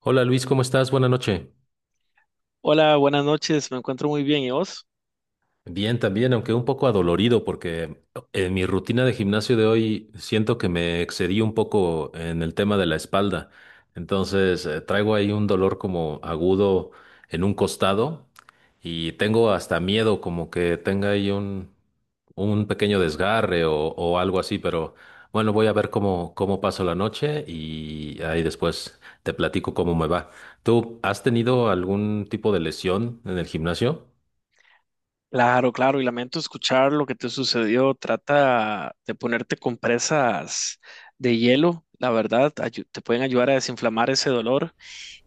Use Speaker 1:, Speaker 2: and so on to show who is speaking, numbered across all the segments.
Speaker 1: Hola Luis, ¿cómo estás? Buenas noches.
Speaker 2: Hola, buenas noches, me encuentro muy bien, ¿y vos?
Speaker 1: Bien, también, aunque un poco adolorido, porque en mi rutina de gimnasio de hoy siento que me excedí un poco en el tema de la espalda. Entonces, traigo ahí un dolor como agudo en un costado y tengo hasta miedo como que tenga ahí un pequeño desgarre o algo así, pero bueno, voy a ver cómo paso la noche y ahí después te platico cómo me va. ¿Tú has tenido algún tipo de lesión en el gimnasio?
Speaker 2: Claro, claro, y lamento escuchar lo que te sucedió. Trata de ponerte compresas de hielo, la verdad, te pueden ayudar a desinflamar ese dolor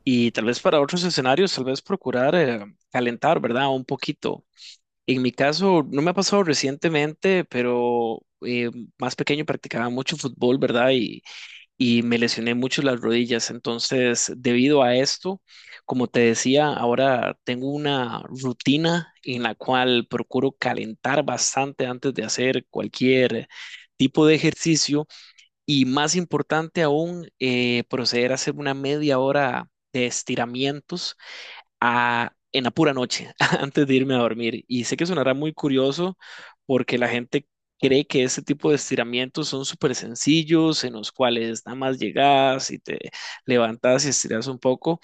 Speaker 2: y tal vez para otros escenarios, tal vez procurar calentar, ¿verdad? Un poquito. En mi caso, no me ha pasado recientemente, pero eh, más pequeño practicaba mucho fútbol, ¿verdad? Y me lesioné mucho las rodillas. Entonces, debido a esto, como te decía, ahora tengo una rutina en la cual procuro calentar bastante antes de hacer cualquier tipo de ejercicio y más importante aún, proceder a hacer una media hora de estiramientos en la pura noche, antes de irme a dormir. Y sé que sonará muy curioso porque la gente cree que este tipo de estiramientos son súper sencillos, en los cuales nada más llegas y te levantas y estiras un poco,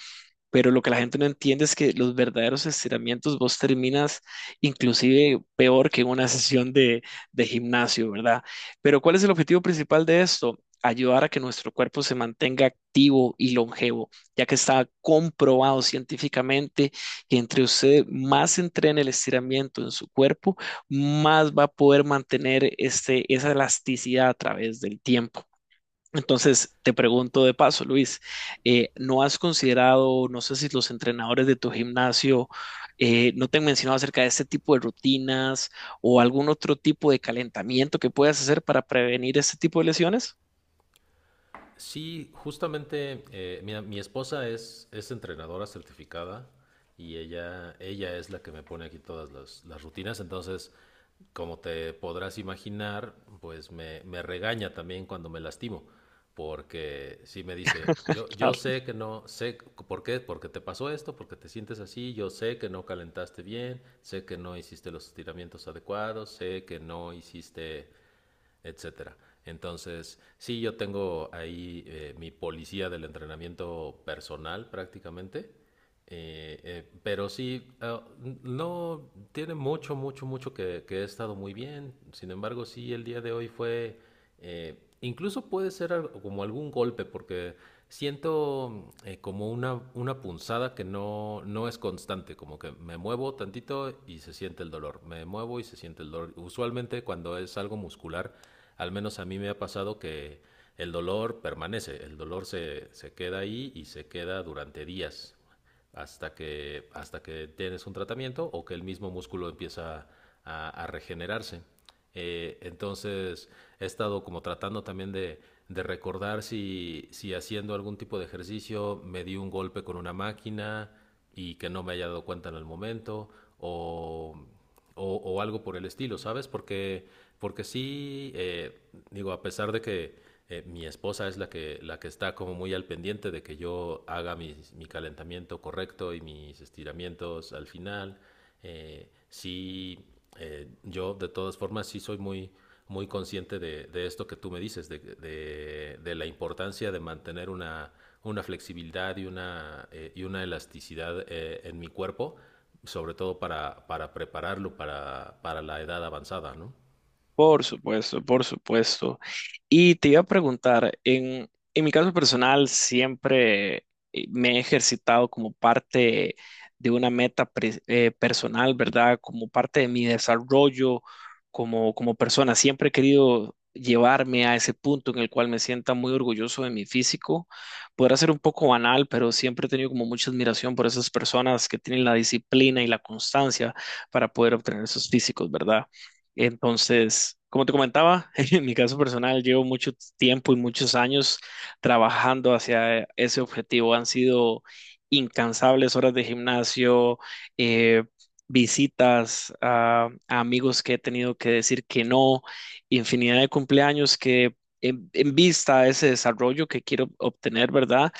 Speaker 2: pero lo que la gente no entiende es que los verdaderos estiramientos vos terminas inclusive peor que en una sesión de gimnasio, ¿verdad? Pero ¿cuál es el objetivo principal de esto? Ayudar a que nuestro cuerpo se mantenga activo y longevo, ya que está comprobado científicamente que entre usted más entrene el estiramiento en su cuerpo, más va a poder mantener esa elasticidad a través del tiempo. Entonces, te pregunto de paso, Luis, ¿no has considerado? No sé si los entrenadores de tu gimnasio no te han mencionado acerca de este tipo de rutinas o algún otro tipo de calentamiento que puedas hacer para prevenir este tipo de lesiones.
Speaker 1: Sí, justamente, mira, mi esposa es entrenadora certificada y ella es la que me pone aquí todas las rutinas, entonces, como te podrás imaginar, pues me regaña también cuando me lastimo, porque sí me dice, yo
Speaker 2: Claro.
Speaker 1: sé que no, por qué, porque te pasó esto, porque te sientes así, yo sé que no calentaste bien, sé que no hiciste los estiramientos adecuados, sé que no hiciste etcétera. Entonces, sí, yo tengo ahí mi policía del entrenamiento personal prácticamente, pero sí, no tiene mucho, mucho que he estado muy bien. Sin embargo, sí, el día de hoy fue incluso puede ser como algún golpe, porque siento como una punzada que no es constante, como que me muevo tantito y se siente el dolor, me muevo y se siente el dolor. Usualmente cuando es algo muscular, al menos a mí me ha pasado que el dolor permanece, el dolor se queda ahí y se queda durante días hasta hasta que tienes un tratamiento o que el mismo músculo empieza a regenerarse. Entonces he estado como tratando también de recordar si haciendo algún tipo de ejercicio me di un golpe con una máquina y que no me haya dado cuenta en el momento o o algo por el estilo, ¿sabes? Porque, porque sí, digo, a pesar de que mi esposa es la la que está como muy al pendiente de que yo haga mi calentamiento correcto y mis estiramientos al final, eh, sí, yo de todas formas sí soy muy, muy consciente de esto que tú me dices, de la importancia de mantener una flexibilidad y una elasticidad en mi cuerpo sobre todo para prepararlo para la edad avanzada, ¿no?
Speaker 2: Por supuesto, por supuesto. Y te iba a preguntar, en mi caso personal siempre me he ejercitado como parte de una meta personal, ¿verdad? Como parte de mi desarrollo como persona. Siempre he querido llevarme a ese punto en el cual me sienta muy orgulloso de mi físico. Podrá ser un poco banal, pero siempre he tenido como mucha admiración por esas personas que tienen la disciplina y la constancia para poder obtener esos físicos, ¿verdad? Entonces, como te comentaba, en mi caso personal, llevo mucho tiempo y muchos años trabajando hacia ese objetivo. Han sido incansables horas de gimnasio, eh, visitas a amigos que he tenido que decir que no, infinidad de cumpleaños que en vista a ese desarrollo que quiero obtener, ¿verdad?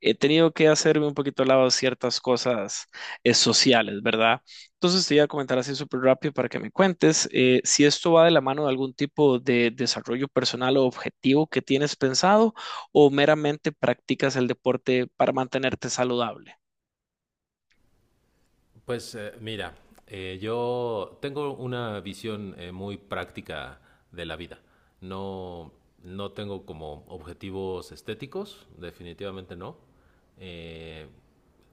Speaker 2: He tenido que hacerme un poquito al lado de ciertas cosas sociales, ¿verdad? Entonces te iba a comentar así súper rápido para que me cuentes si esto va de la mano de algún tipo de desarrollo personal o objetivo que tienes pensado o meramente practicas el deporte para mantenerte saludable.
Speaker 1: Pues mira, yo tengo una visión muy práctica de la vida. No, no tengo como objetivos estéticos, definitivamente no. Eh,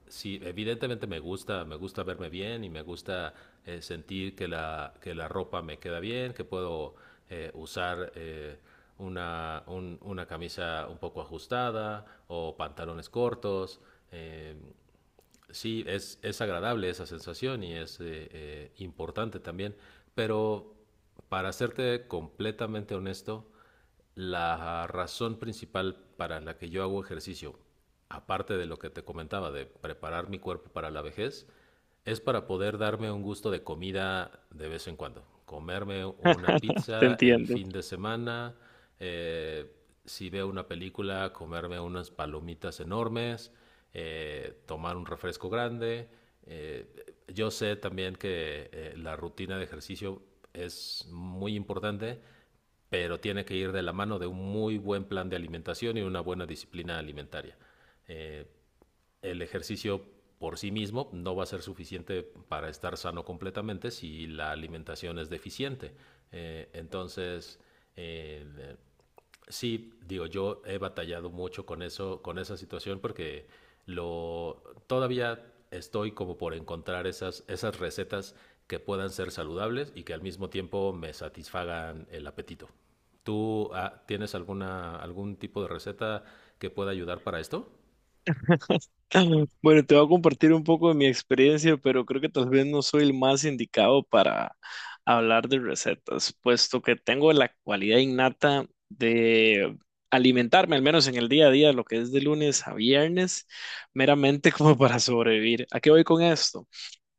Speaker 1: sí, evidentemente me gusta verme bien y me gusta sentir que que la ropa me queda bien, que puedo usar una camisa un poco ajustada o pantalones cortos. eh, Sí, es agradable esa sensación y es importante también, pero para serte completamente honesto, la razón principal para la que yo hago ejercicio, aparte de lo que te comentaba, de preparar mi cuerpo para la vejez, es para poder darme un gusto de comida de vez en cuando. Comerme una
Speaker 2: Te
Speaker 1: pizza el
Speaker 2: entiendo.
Speaker 1: fin de semana, eh, si veo una película, comerme unas palomitas enormes, tomar un refresco grande. Eh, yo sé también que la rutina de ejercicio es muy importante, pero tiene que ir de la mano de un muy buen plan de alimentación y una buena disciplina alimentaria. Eh, el ejercicio por sí mismo no va a ser suficiente para estar sano completamente si la alimentación es deficiente. Eh, entonces, eh, sí, digo, yo he batallado mucho con eso, con esa situación, porque lo todavía estoy como por encontrar esas recetas que puedan ser saludables y que al mismo tiempo me satisfagan el apetito. ¿Tú tienes alguna, algún tipo de receta que pueda ayudar para esto?
Speaker 2: Bueno, te voy a compartir un poco de mi experiencia, pero creo que tal vez no soy el más indicado para hablar de recetas, puesto que tengo la cualidad innata de alimentarme, al menos en el día a día, lo que es de lunes a viernes, meramente como para sobrevivir. ¿A qué voy con esto?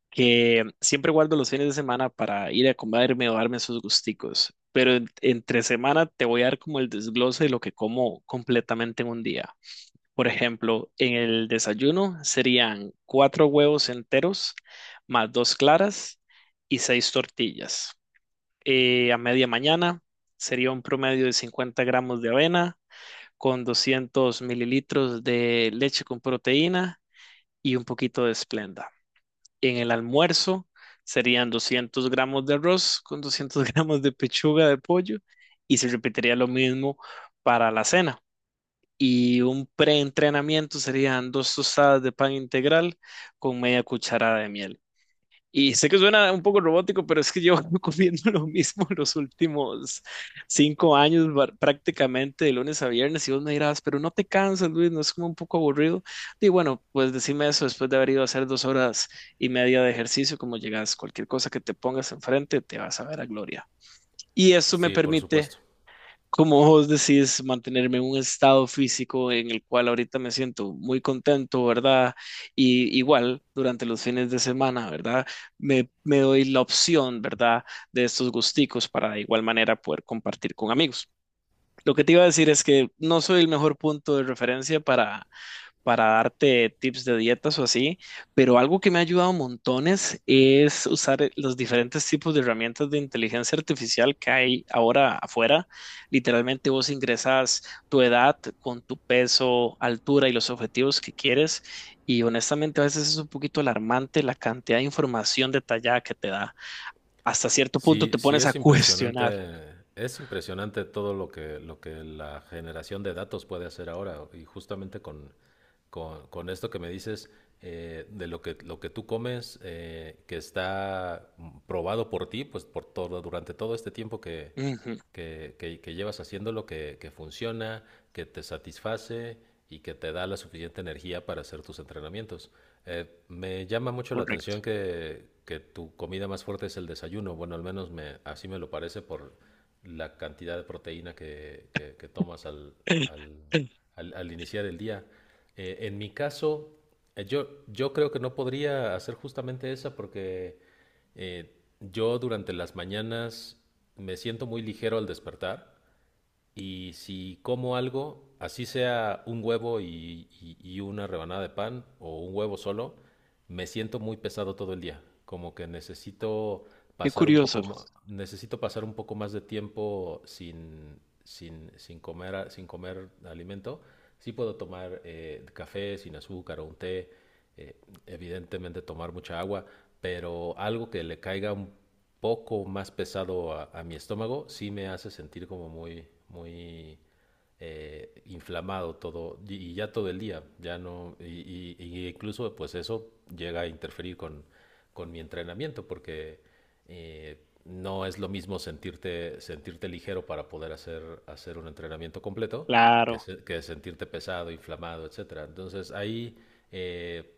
Speaker 2: Que siempre guardo los fines de semana para ir a comerme o darme esos gusticos, pero entre semana te voy a dar como el desglose de lo que como completamente en un día. Por ejemplo, en el desayuno serían cuatro huevos enteros más dos claras y seis tortillas. A media mañana sería un promedio de 50 gramos de avena con 200 mililitros de leche con proteína y un poquito de Splenda. En el almuerzo serían 200 gramos de arroz con 200 gramos de pechuga de pollo y se repetiría lo mismo para la cena, y un preentrenamiento serían dos tostadas de pan integral con media cucharada de miel. Y sé que suena un poco robótico, pero es que yo comiendo lo mismo los últimos 5 años, prácticamente de lunes a viernes, y vos me dirás, pero no te cansas, Luis, no es como un poco aburrido. Y bueno, pues decime eso después de haber ido a hacer 2 horas y media de ejercicio, como llegas, cualquier cosa que te pongas enfrente, te vas a ver a gloria. Y eso me
Speaker 1: Sí, por
Speaker 2: permite,
Speaker 1: supuesto.
Speaker 2: como vos decís, mantenerme en un estado físico en el cual ahorita me siento muy contento, ¿verdad? Y igual durante los fines de semana, ¿verdad? Me doy la opción, ¿verdad? De estos gusticos para de igual manera poder compartir con amigos. Lo que te iba a decir es que no soy el mejor punto de referencia para darte tips de dietas o así, pero algo que me ha ayudado montones es usar los diferentes tipos de herramientas de inteligencia artificial que hay ahora afuera. Literalmente vos ingresas tu edad con tu peso, altura y los objetivos que quieres. Y honestamente a veces es un poquito alarmante la cantidad de información detallada que te da. Hasta cierto punto
Speaker 1: Sí,
Speaker 2: te
Speaker 1: sí
Speaker 2: pones a cuestionar.
Speaker 1: es impresionante todo lo lo que la generación de datos puede hacer ahora. Y justamente con esto que me dices, de lo lo que tú comes, que está probado por ti, pues por todo, durante todo este tiempo
Speaker 2: Ujú,
Speaker 1: que llevas haciéndolo, que funciona, que te satisface y que te da la suficiente energía para hacer tus entrenamientos. Me llama mucho la
Speaker 2: correcto.
Speaker 1: atención que tu comida más fuerte es el desayuno. Bueno, al menos así me lo parece por la cantidad de proteína que tomas al- al iniciar el día. En mi caso, yo creo que no podría hacer justamente esa porque eh, yo durante las mañanas me siento muy ligero al despertar y si como algo, así sea un huevo y una rebanada de pan o un huevo solo, me siento muy pesado todo el día. Como que necesito
Speaker 2: Qué
Speaker 1: pasar un
Speaker 2: curioso.
Speaker 1: poco, necesito pasar un poco más de tiempo sin, sin comer, sin comer alimento. Sí puedo tomar café sin azúcar o un té, eh, evidentemente tomar mucha agua, pero algo que le caiga un poco más pesado a mi estómago sí me hace sentir como muy, muy inflamado todo y ya todo el día, ya no, y incluso pues eso llega a interferir con mi entrenamiento porque eh, no es lo mismo sentirte, sentirte ligero para poder hacer, hacer un entrenamiento completo
Speaker 2: Claro,
Speaker 1: que sentirte pesado, inflamado, etcétera. Entonces ahí eh,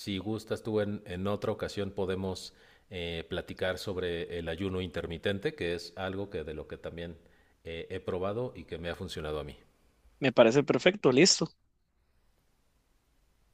Speaker 1: si gustas tú en otra ocasión podemos platicar sobre el ayuno intermitente, que es algo que de lo que también he probado y que me ha funcionado a mí.
Speaker 2: me parece perfecto, listo.